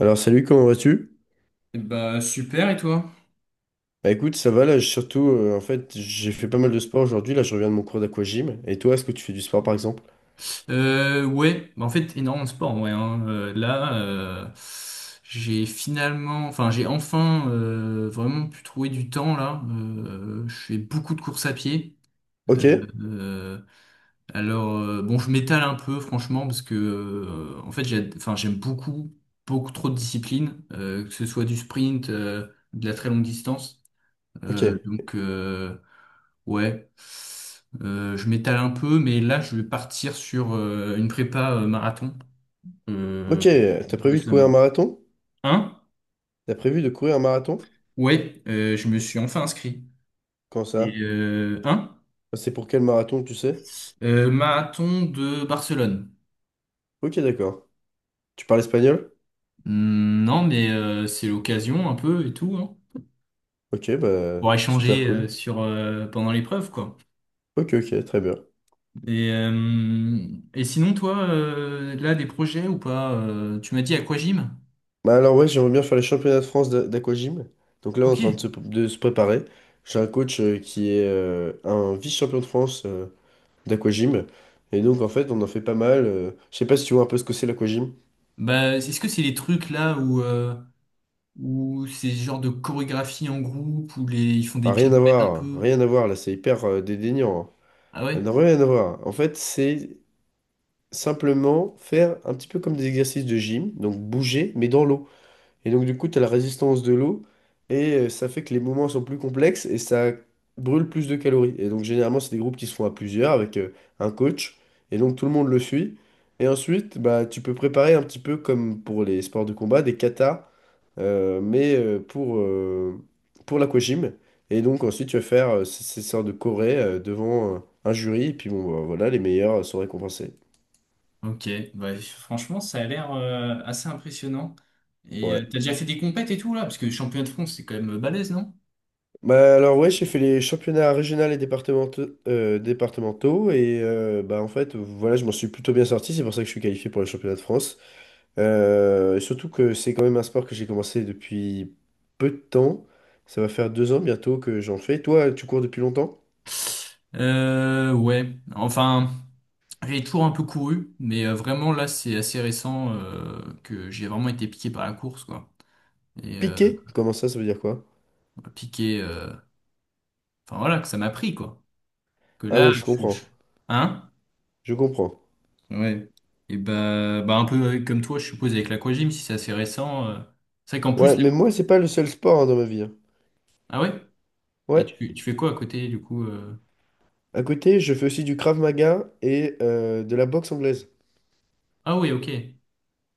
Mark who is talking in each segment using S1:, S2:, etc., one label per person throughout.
S1: Alors salut, comment vas-tu?
S2: Bah super et toi?
S1: Bah écoute, ça va là, j'ai surtout en fait, j'ai fait pas mal de sport aujourd'hui, là je reviens de mon cours d'aquagym. Et toi, est-ce que tu fais du sport par exemple?
S2: Ouais, bah, en fait énormément de sport, ouais, hein. Là, j'ai finalement, enfin j'ai enfin vraiment pu trouver du temps là. Je fais beaucoup de courses à pied.
S1: OK,
S2: Euh, euh, alors bon, je m'étale un peu franchement parce que en fait j'ai, enfin j'aime beaucoup beaucoup trop de disciplines, que ce soit du sprint, de la très longue distance.
S1: OK.
S2: Donc, ouais. Je m'étale un peu, mais là, je vais partir sur une prépa marathon
S1: OK,
S2: euh,
S1: t'as prévu de courir un
S2: récemment.
S1: marathon?
S2: Hein?
S1: T'as prévu de courir un marathon?
S2: Ouais, je me suis enfin inscrit.
S1: Quand
S2: Et
S1: ça?
S2: hein?
S1: Enfin, c'est pour quel marathon, tu sais?
S2: Marathon de Barcelone.
S1: OK, d'accord. Tu parles espagnol?
S2: Hmm, non, mais c'est l'occasion un peu et tout, hein,
S1: OK, bah
S2: pour
S1: super
S2: échanger
S1: cool.
S2: sur pendant l'épreuve, quoi.
S1: OK, OK, très bien.
S2: Et, euh, et sinon, toi, là, des projets ou pas? Tu m'as dit aquagym?
S1: Bah alors ouais, j'aimerais bien faire les championnats de France d'aquagym. Donc là, on est en
S2: Ok.
S1: train de se préparer. J'ai un coach qui est un vice-champion de France d'aquagym. Et donc, en fait, on en fait pas mal, je sais pas si tu vois un peu ce que c'est l'aquagym.
S2: Bah, est-ce que c'est les trucs là où ou c'est ce genre de chorégraphie en groupe où ils font des
S1: Ah, rien à
S2: pirouettes un
S1: voir,
S2: peu.
S1: rien à voir, là, c'est hyper dédaignant, hein.
S2: Ah
S1: Ça n'a
S2: ouais?
S1: rien à voir. En fait, c'est simplement faire un petit peu comme des exercices de gym, donc bouger, mais dans l'eau. Et donc, du coup, tu as la résistance de l'eau, et ça fait que les mouvements sont plus complexes, et ça brûle plus de calories. Et donc, généralement, c'est des groupes qui se font à plusieurs, avec un coach, et donc tout le monde le suit. Et ensuite, bah, tu peux préparer un petit peu comme pour les sports de combat, des katas, mais pour l'aquagym. Et donc ensuite tu vas faire ces sortes de chorés devant un jury, et puis bon bah, voilà, les meilleurs sont récompensés.
S2: Ok. Bah, franchement, ça a l'air assez impressionnant. Et
S1: Ouais.
S2: t'as déjà fait des compètes et tout là? Parce que championnat de France, c'est quand même balèze, non?
S1: Bah alors ouais, j'ai fait les championnats régionaux et départementaux, et bah en fait voilà, je m'en suis plutôt bien sorti, c'est pour ça que je suis qualifié pour les championnats de France. Et surtout que c'est quand même un sport que j'ai commencé depuis peu de temps. Ça va faire 2 ans bientôt que j'en fais. Toi, tu cours depuis longtemps?
S2: Ouais. Enfin, j'ai toujours un peu couru, mais vraiment là, c'est assez récent que j'ai vraiment été piqué par la course, quoi. Et
S1: Piqué? Comment ça, ça veut dire quoi?
S2: piqué. Enfin voilà, que ça m'a pris, quoi. Que
S1: Ah
S2: là,
S1: oui, je
S2: je...
S1: comprends.
S2: je- Hein?
S1: Je comprends.
S2: Ouais. Et bah un peu comme toi, je suppose, avec l'aquagym, si c'est assez récent. C'est vrai qu'en plus.
S1: Ouais, mais moi, c'est pas le seul sport hein, dans ma vie. Hein.
S2: Ah ouais? Et
S1: Ouais.
S2: tu fais quoi à côté, du coup?
S1: À côté, je fais aussi du Krav Maga et de la boxe anglaise.
S2: Ah oui, ok.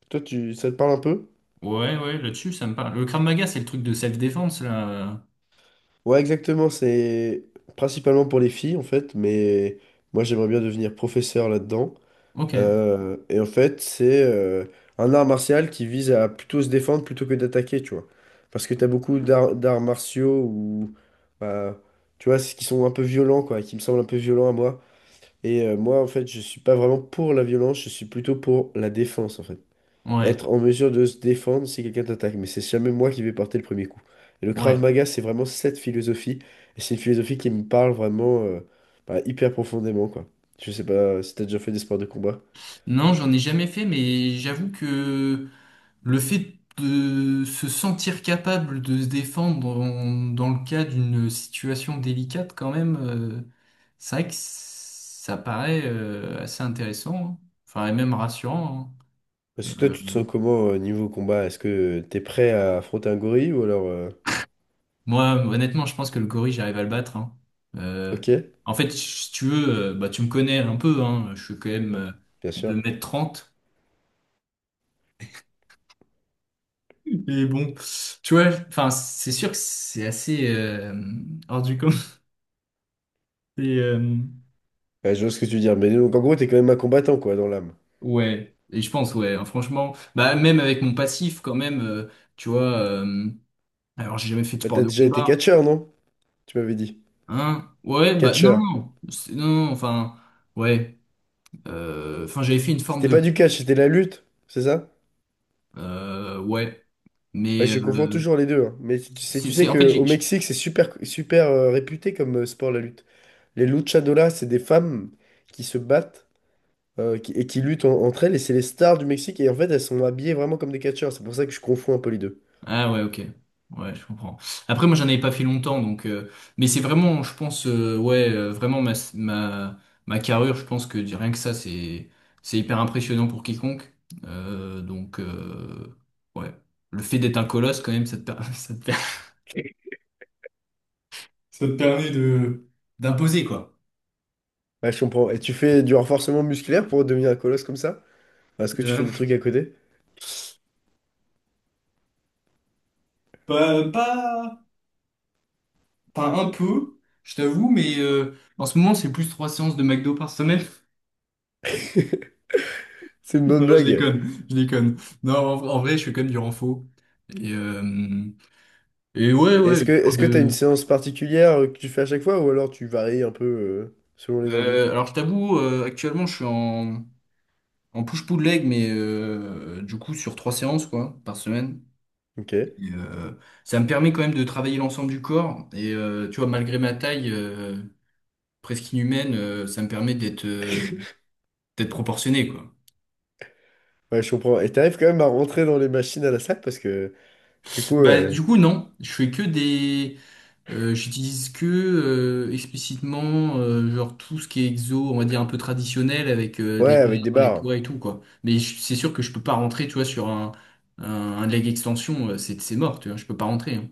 S1: Toi, ça te parle un peu?
S2: Ouais, ouais, là-dessus, ça me parle. Le Krav Maga, c'est le truc de self-défense, là.
S1: Ouais, exactement. C'est principalement pour les filles, en fait. Mais moi, j'aimerais bien devenir professeur là-dedans.
S2: Ok.
S1: Et en fait, c'est un art martial qui vise à plutôt se défendre plutôt que d'attaquer, tu vois. Parce que t'as beaucoup d'arts martiaux ou, bah, tu vois, qui sont un peu violents, quoi, qui me semblent un peu violents à moi. Et moi, en fait, je suis pas vraiment pour la violence, je suis plutôt pour la défense, en fait.
S2: Ouais,
S1: Être en mesure de se défendre si quelqu'un t'attaque, mais c'est jamais moi qui vais porter le premier coup. Et le Krav
S2: ouais.
S1: Maga, c'est vraiment cette philosophie, et c'est une philosophie qui me parle vraiment bah, hyper profondément, quoi. Je sais pas si t'as déjà fait des sports de combat.
S2: Non, j'en ai jamais fait, mais j'avoue que. Le fait de se sentir capable de se défendre dans le cas d'une situation délicate, quand même, c'est vrai que ça paraît assez intéressant, hein. Enfin, et même rassurant. Hein.
S1: Parce que toi, tu te sens comment niveau combat? Est-ce que t'es prêt à affronter un gorille ou alors...
S2: Moi, honnêtement, je pense que le gorille, j'arrive à le battre, hein. Euh,
S1: Ok?
S2: En fait, si tu veux, bah, tu me connais un peu, hein. Je suis quand même
S1: Bon, bien sûr.
S2: 2m30. Et bon, tu vois, enfin, c'est sûr que c'est assez hors du commun. Et,
S1: Ouais, je vois ce que tu veux dire, mais donc en gros, t'es quand même un combattant, quoi, dans l'âme.
S2: ouais, et je pense, ouais, hein, franchement, bah même avec mon passif quand même, tu vois, alors j'ai jamais fait de
S1: Bah,
S2: sport
S1: t'as
S2: de
S1: déjà été
S2: combat,
S1: catcheur, non? Tu m'avais dit.
S2: hein? Ouais, bah non,
S1: Catcheur.
S2: non, non, non, enfin, ouais, enfin j'avais fait une forme
S1: C'était pas
S2: de,
S1: du catch, c'était la lutte, c'est ça?
S2: ouais,
S1: Bah,
S2: mais
S1: je confonds toujours les deux, hein. Mais tu tu sais,
S2: c'est,
S1: tu sais
S2: c'est, en fait,
S1: que au Mexique, c'est super, super réputé comme sport la lutte. Les luchadoras, c'est des femmes qui se battent, et qui luttent entre elles, et c'est les stars du Mexique. Et en fait, elles sont habillées vraiment comme des catcheurs. C'est pour ça que je confonds un peu les deux.
S2: Ah ouais, ok. Ouais, je comprends. Après, moi, j'en avais pas fait longtemps, donc. Mais c'est vraiment, je pense, ouais, vraiment ma carrure, je pense que rien que ça, c'est hyper impressionnant pour quiconque. Donc, ouais. Le fait d'être un colosse, quand même, ça te permet d'imposer, quoi.
S1: Ouais, je comprends. Et tu fais du renforcement musculaire pour devenir un colosse comme ça? Est-ce que tu fais
S2: Euh,
S1: des trucs à côté?
S2: pas, enfin, un peu, je t'avoue, mais en ce moment, c'est plus trois séances de McDo par semaine.
S1: C'est une bonne
S2: Non, je
S1: blague.
S2: déconne, je déconne. Non, en vrai, je suis quand même du renfort. Et, euh, et ouais,
S1: Est-ce
S2: ouais.
S1: que,
S2: Histoire
S1: est-ce que t'as une
S2: de.
S1: séance particulière que tu fais à chaque fois, ou alors tu varies un peu selon les envies?
S2: Alors, je t'avoue, actuellement, je suis en push-pull leg, mais du coup, sur trois séances quoi, par semaine.
S1: Ok.
S2: Et, ça me permet quand même de travailler l'ensemble du corps. Et tu vois, malgré ma taille presque inhumaine, ça me permet d'être proportionné, quoi.
S1: Ouais, je comprends. Et t'arrives quand même à rentrer dans les machines à la salle parce que, du coup,
S2: Bah, du coup, non, je fais que des. J'utilise que explicitement genre tout ce qui est exo, on va dire un peu traditionnel avec
S1: ouais,
S2: les
S1: avec des
S2: barres, les
S1: barres.
S2: poids et tout quoi. Mais c'est sûr que je peux pas rentrer, tu vois, sur un, un leg extension, c'est mort, tu vois, je peux pas rentrer, hein.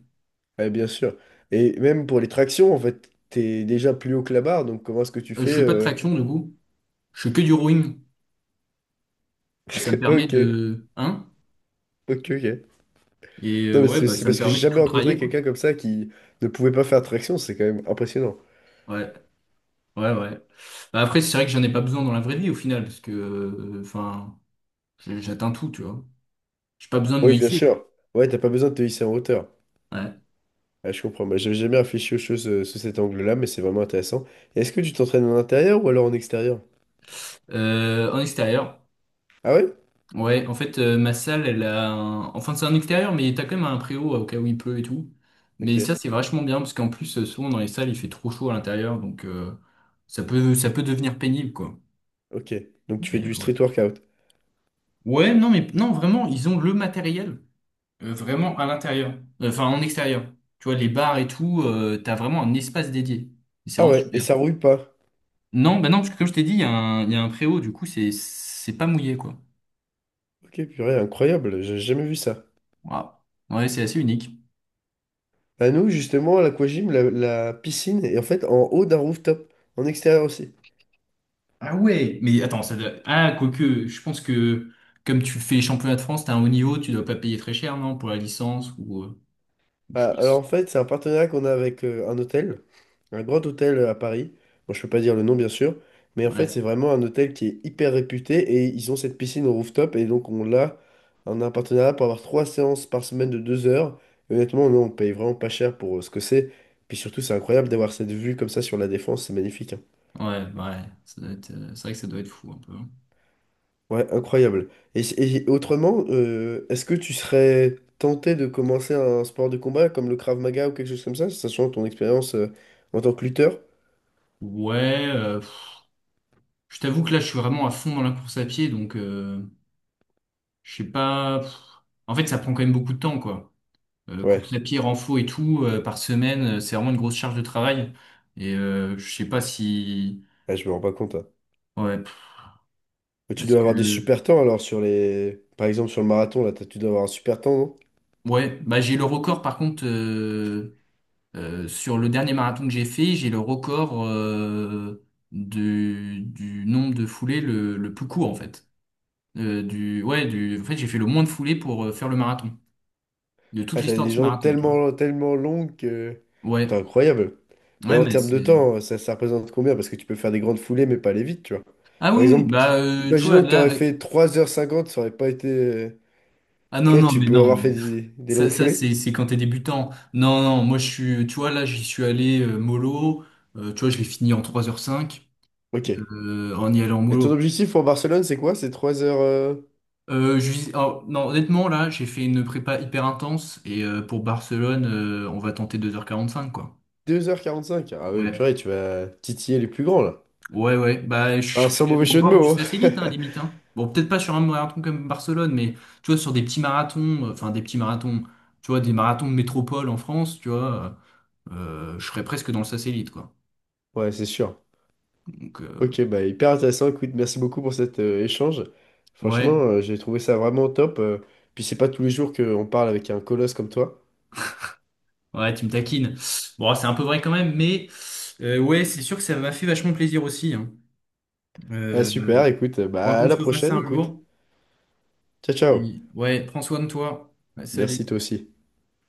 S1: Ouais, bien sûr. Et même pour les tractions, en fait, t'es déjà plus haut que la barre, donc comment est-ce que tu
S2: Je
S1: fais
S2: fais pas de
S1: euh,
S2: traction du coup, je fais que du rowing. Et ça me permet
S1: Ok,
S2: de, hein?
S1: ok, ok.
S2: Et
S1: Non, mais
S2: ouais,
S1: c'est
S2: bah
S1: c'est
S2: ça me
S1: parce que j'ai
S2: permet de
S1: jamais
S2: tout
S1: rencontré
S2: travailler quoi.
S1: quelqu'un comme ça qui ne pouvait pas faire traction, c'est quand même impressionnant.
S2: Ouais, ouais, ouais. Bah, après c'est vrai que j'en ai pas besoin dans la vraie vie au final parce que enfin, j'atteins tout, tu vois. J'ai pas besoin de me
S1: Oui, bien
S2: hisser.
S1: sûr. Ouais, t'as pas besoin de te hisser en hauteur.
S2: Ouais.
S1: Ouais, je comprends. Bah, j'avais jamais réfléchi aux choses sous cet angle-là, mais c'est vraiment intéressant. Et est-ce que tu t'entraînes en intérieur ou alors en extérieur?
S2: En extérieur.
S1: Ah ouais?
S2: Ouais, en fait, ma salle, enfin, c'est un extérieur, mais t'as quand même un préau au cas où il pleut et tout.
S1: Ok,
S2: Mais ça, c'est vachement bien, parce qu'en plus, souvent, dans les salles, il fait trop chaud à l'intérieur, donc ça peut devenir pénible, quoi.
S1: ok. Donc tu fais
S2: Mais,
S1: du
S2: ouais.
S1: street workout.
S2: Ouais, non, mais non, vraiment, ils ont le matériel, vraiment à l'intérieur. Enfin, en extérieur. Tu vois, les bars et tout, t'as vraiment un espace dédié. Et c'est
S1: Ah
S2: vraiment
S1: ouais, et
S2: super.
S1: ça rouille pas.
S2: Non, bah non, parce que comme je t'ai dit, il y a un préau, du coup, c'est pas mouillé, quoi.
S1: Ok, purée, incroyable, j'ai jamais vu ça.
S2: Voilà. Ouais, c'est assez unique.
S1: À nous, justement, à l'aquagym, la piscine est en fait en haut d'un rooftop, en extérieur aussi.
S2: Ah ouais, mais attends, Ah, quoique, je pense que comme tu fais championnat de France, t'as un haut niveau, tu dois pas payer très cher, non, pour la licence ou je
S1: Ah,
S2: sais pas.
S1: alors en fait, c'est un partenariat qu'on a avec un hôtel, un grand hôtel à Paris. Bon, je peux pas dire le nom, bien sûr, mais en fait,
S2: Ouais,
S1: c'est vraiment un hôtel qui est hyper réputé et ils ont cette piscine au rooftop et donc on a un partenariat pour avoir trois séances par semaine de 2 heures. Et honnêtement, nous, on paye vraiment pas cher pour ce que c'est. Puis surtout, c'est incroyable d'avoir cette vue comme ça sur la Défense, c'est magnifique, hein.
S2: ouais, ouais, ça doit être, c'est vrai que ça doit être fou un peu, hein.
S1: Ouais, incroyable. Et autrement, est-ce que tu serais tenté de commencer un sport de combat comme le Krav Maga ou quelque chose comme ça, sachant ton expérience en tant que lutteur?
S2: Ouais, je t'avoue que là, je suis vraiment à fond dans la course à pied, donc je sais pas. Pff. En fait, ça prend quand même beaucoup de temps, quoi.
S1: Ouais,
S2: Course à pied, renfo et tout, par semaine, c'est vraiment une grosse charge de travail. Et je sais pas si.
S1: ouais, je me rends pas compte, hein.
S2: Ouais,
S1: Mais tu
S2: parce
S1: dois avoir des
S2: que.
S1: super temps alors sur les... Par exemple sur le marathon, là, tu dois avoir un super temps, non?
S2: Ouais, bah j'ai le record par contre sur le dernier marathon que j'ai fait, j'ai le record du nombre de foulées le plus court en fait. Du ouais, du en fait j'ai fait le moins de foulées pour faire le marathon de toute
S1: Ah, t'as
S2: l'histoire de
S1: des
S2: ce
S1: jambes
S2: marathon, tu vois.
S1: tellement, tellement longues que... T'es
S2: Ouais,
S1: incroyable. Mais
S2: ouais,
S1: en
S2: mais
S1: termes de
S2: c'est,
S1: temps, ça représente combien? Parce que tu peux faire des grandes foulées mais pas aller vite, tu vois.
S2: ah
S1: Par
S2: oui oui,
S1: exemple,
S2: bah tu vois
S1: imaginons que t'aurais
S2: là,
S1: fait 3 h 50 ça aurait pas été...
S2: ah
S1: Tu
S2: non
S1: vois,
S2: non
S1: tu
S2: mais
S1: peux
S2: non
S1: avoir
S2: mais
S1: fait des, des
S2: ça
S1: longues
S2: ça
S1: foulées.
S2: c'est quand t'es débutant. Non non, moi je suis, tu vois là j'y suis allé mollo. Tu vois, je l'ai fini en 3h05,
S1: Ok.
S2: en y allant
S1: Et ton
S2: mollo.
S1: objectif pour Barcelone, c'est quoi? C'est 3 heures,
S2: Oh, non, honnêtement, là, j'ai fait une prépa hyper intense et pour Barcelone, on va tenter 2h45, quoi.
S1: 2 h 45. Ah oui,
S2: Ouais,
S1: purée, tu vas titiller les plus grands, là.
S2: ouais, ouais. Bah,
S1: Ah,
S2: je
S1: sans
S2: serais
S1: mauvais
S2: au
S1: jeu de
S2: bord du
S1: mots, hein.
S2: satellite, hein, limite, hein. Bon, peut-être pas sur un marathon comme Barcelone, mais tu vois, sur des petits marathons, enfin des petits marathons, tu vois, des marathons de métropole en France, tu vois, je serais presque dans le satellite, quoi.
S1: Ouais, c'est sûr.
S2: Donc,
S1: Ok, bah hyper intéressant. Écoute, merci beaucoup pour cet échange. Franchement,
S2: ouais,
S1: j'ai trouvé ça vraiment top, puis c'est pas tous les jours qu'on parle avec un colosse comme toi.
S2: ouais, tu me taquines. Bon, c'est un peu vrai quand même, mais ouais, c'est sûr que ça m'a fait vachement plaisir aussi, hein.
S1: Ah,
S2: Euh,
S1: super, écoute,
S2: Faudra
S1: bah à
S2: qu'on se
S1: la
S2: refasse ça
S1: prochaine,
S2: un
S1: écoute.
S2: jour.
S1: Ciao, ciao.
S2: Ouais, prends soin de toi. Bah,
S1: Merci
S2: salut.
S1: toi aussi.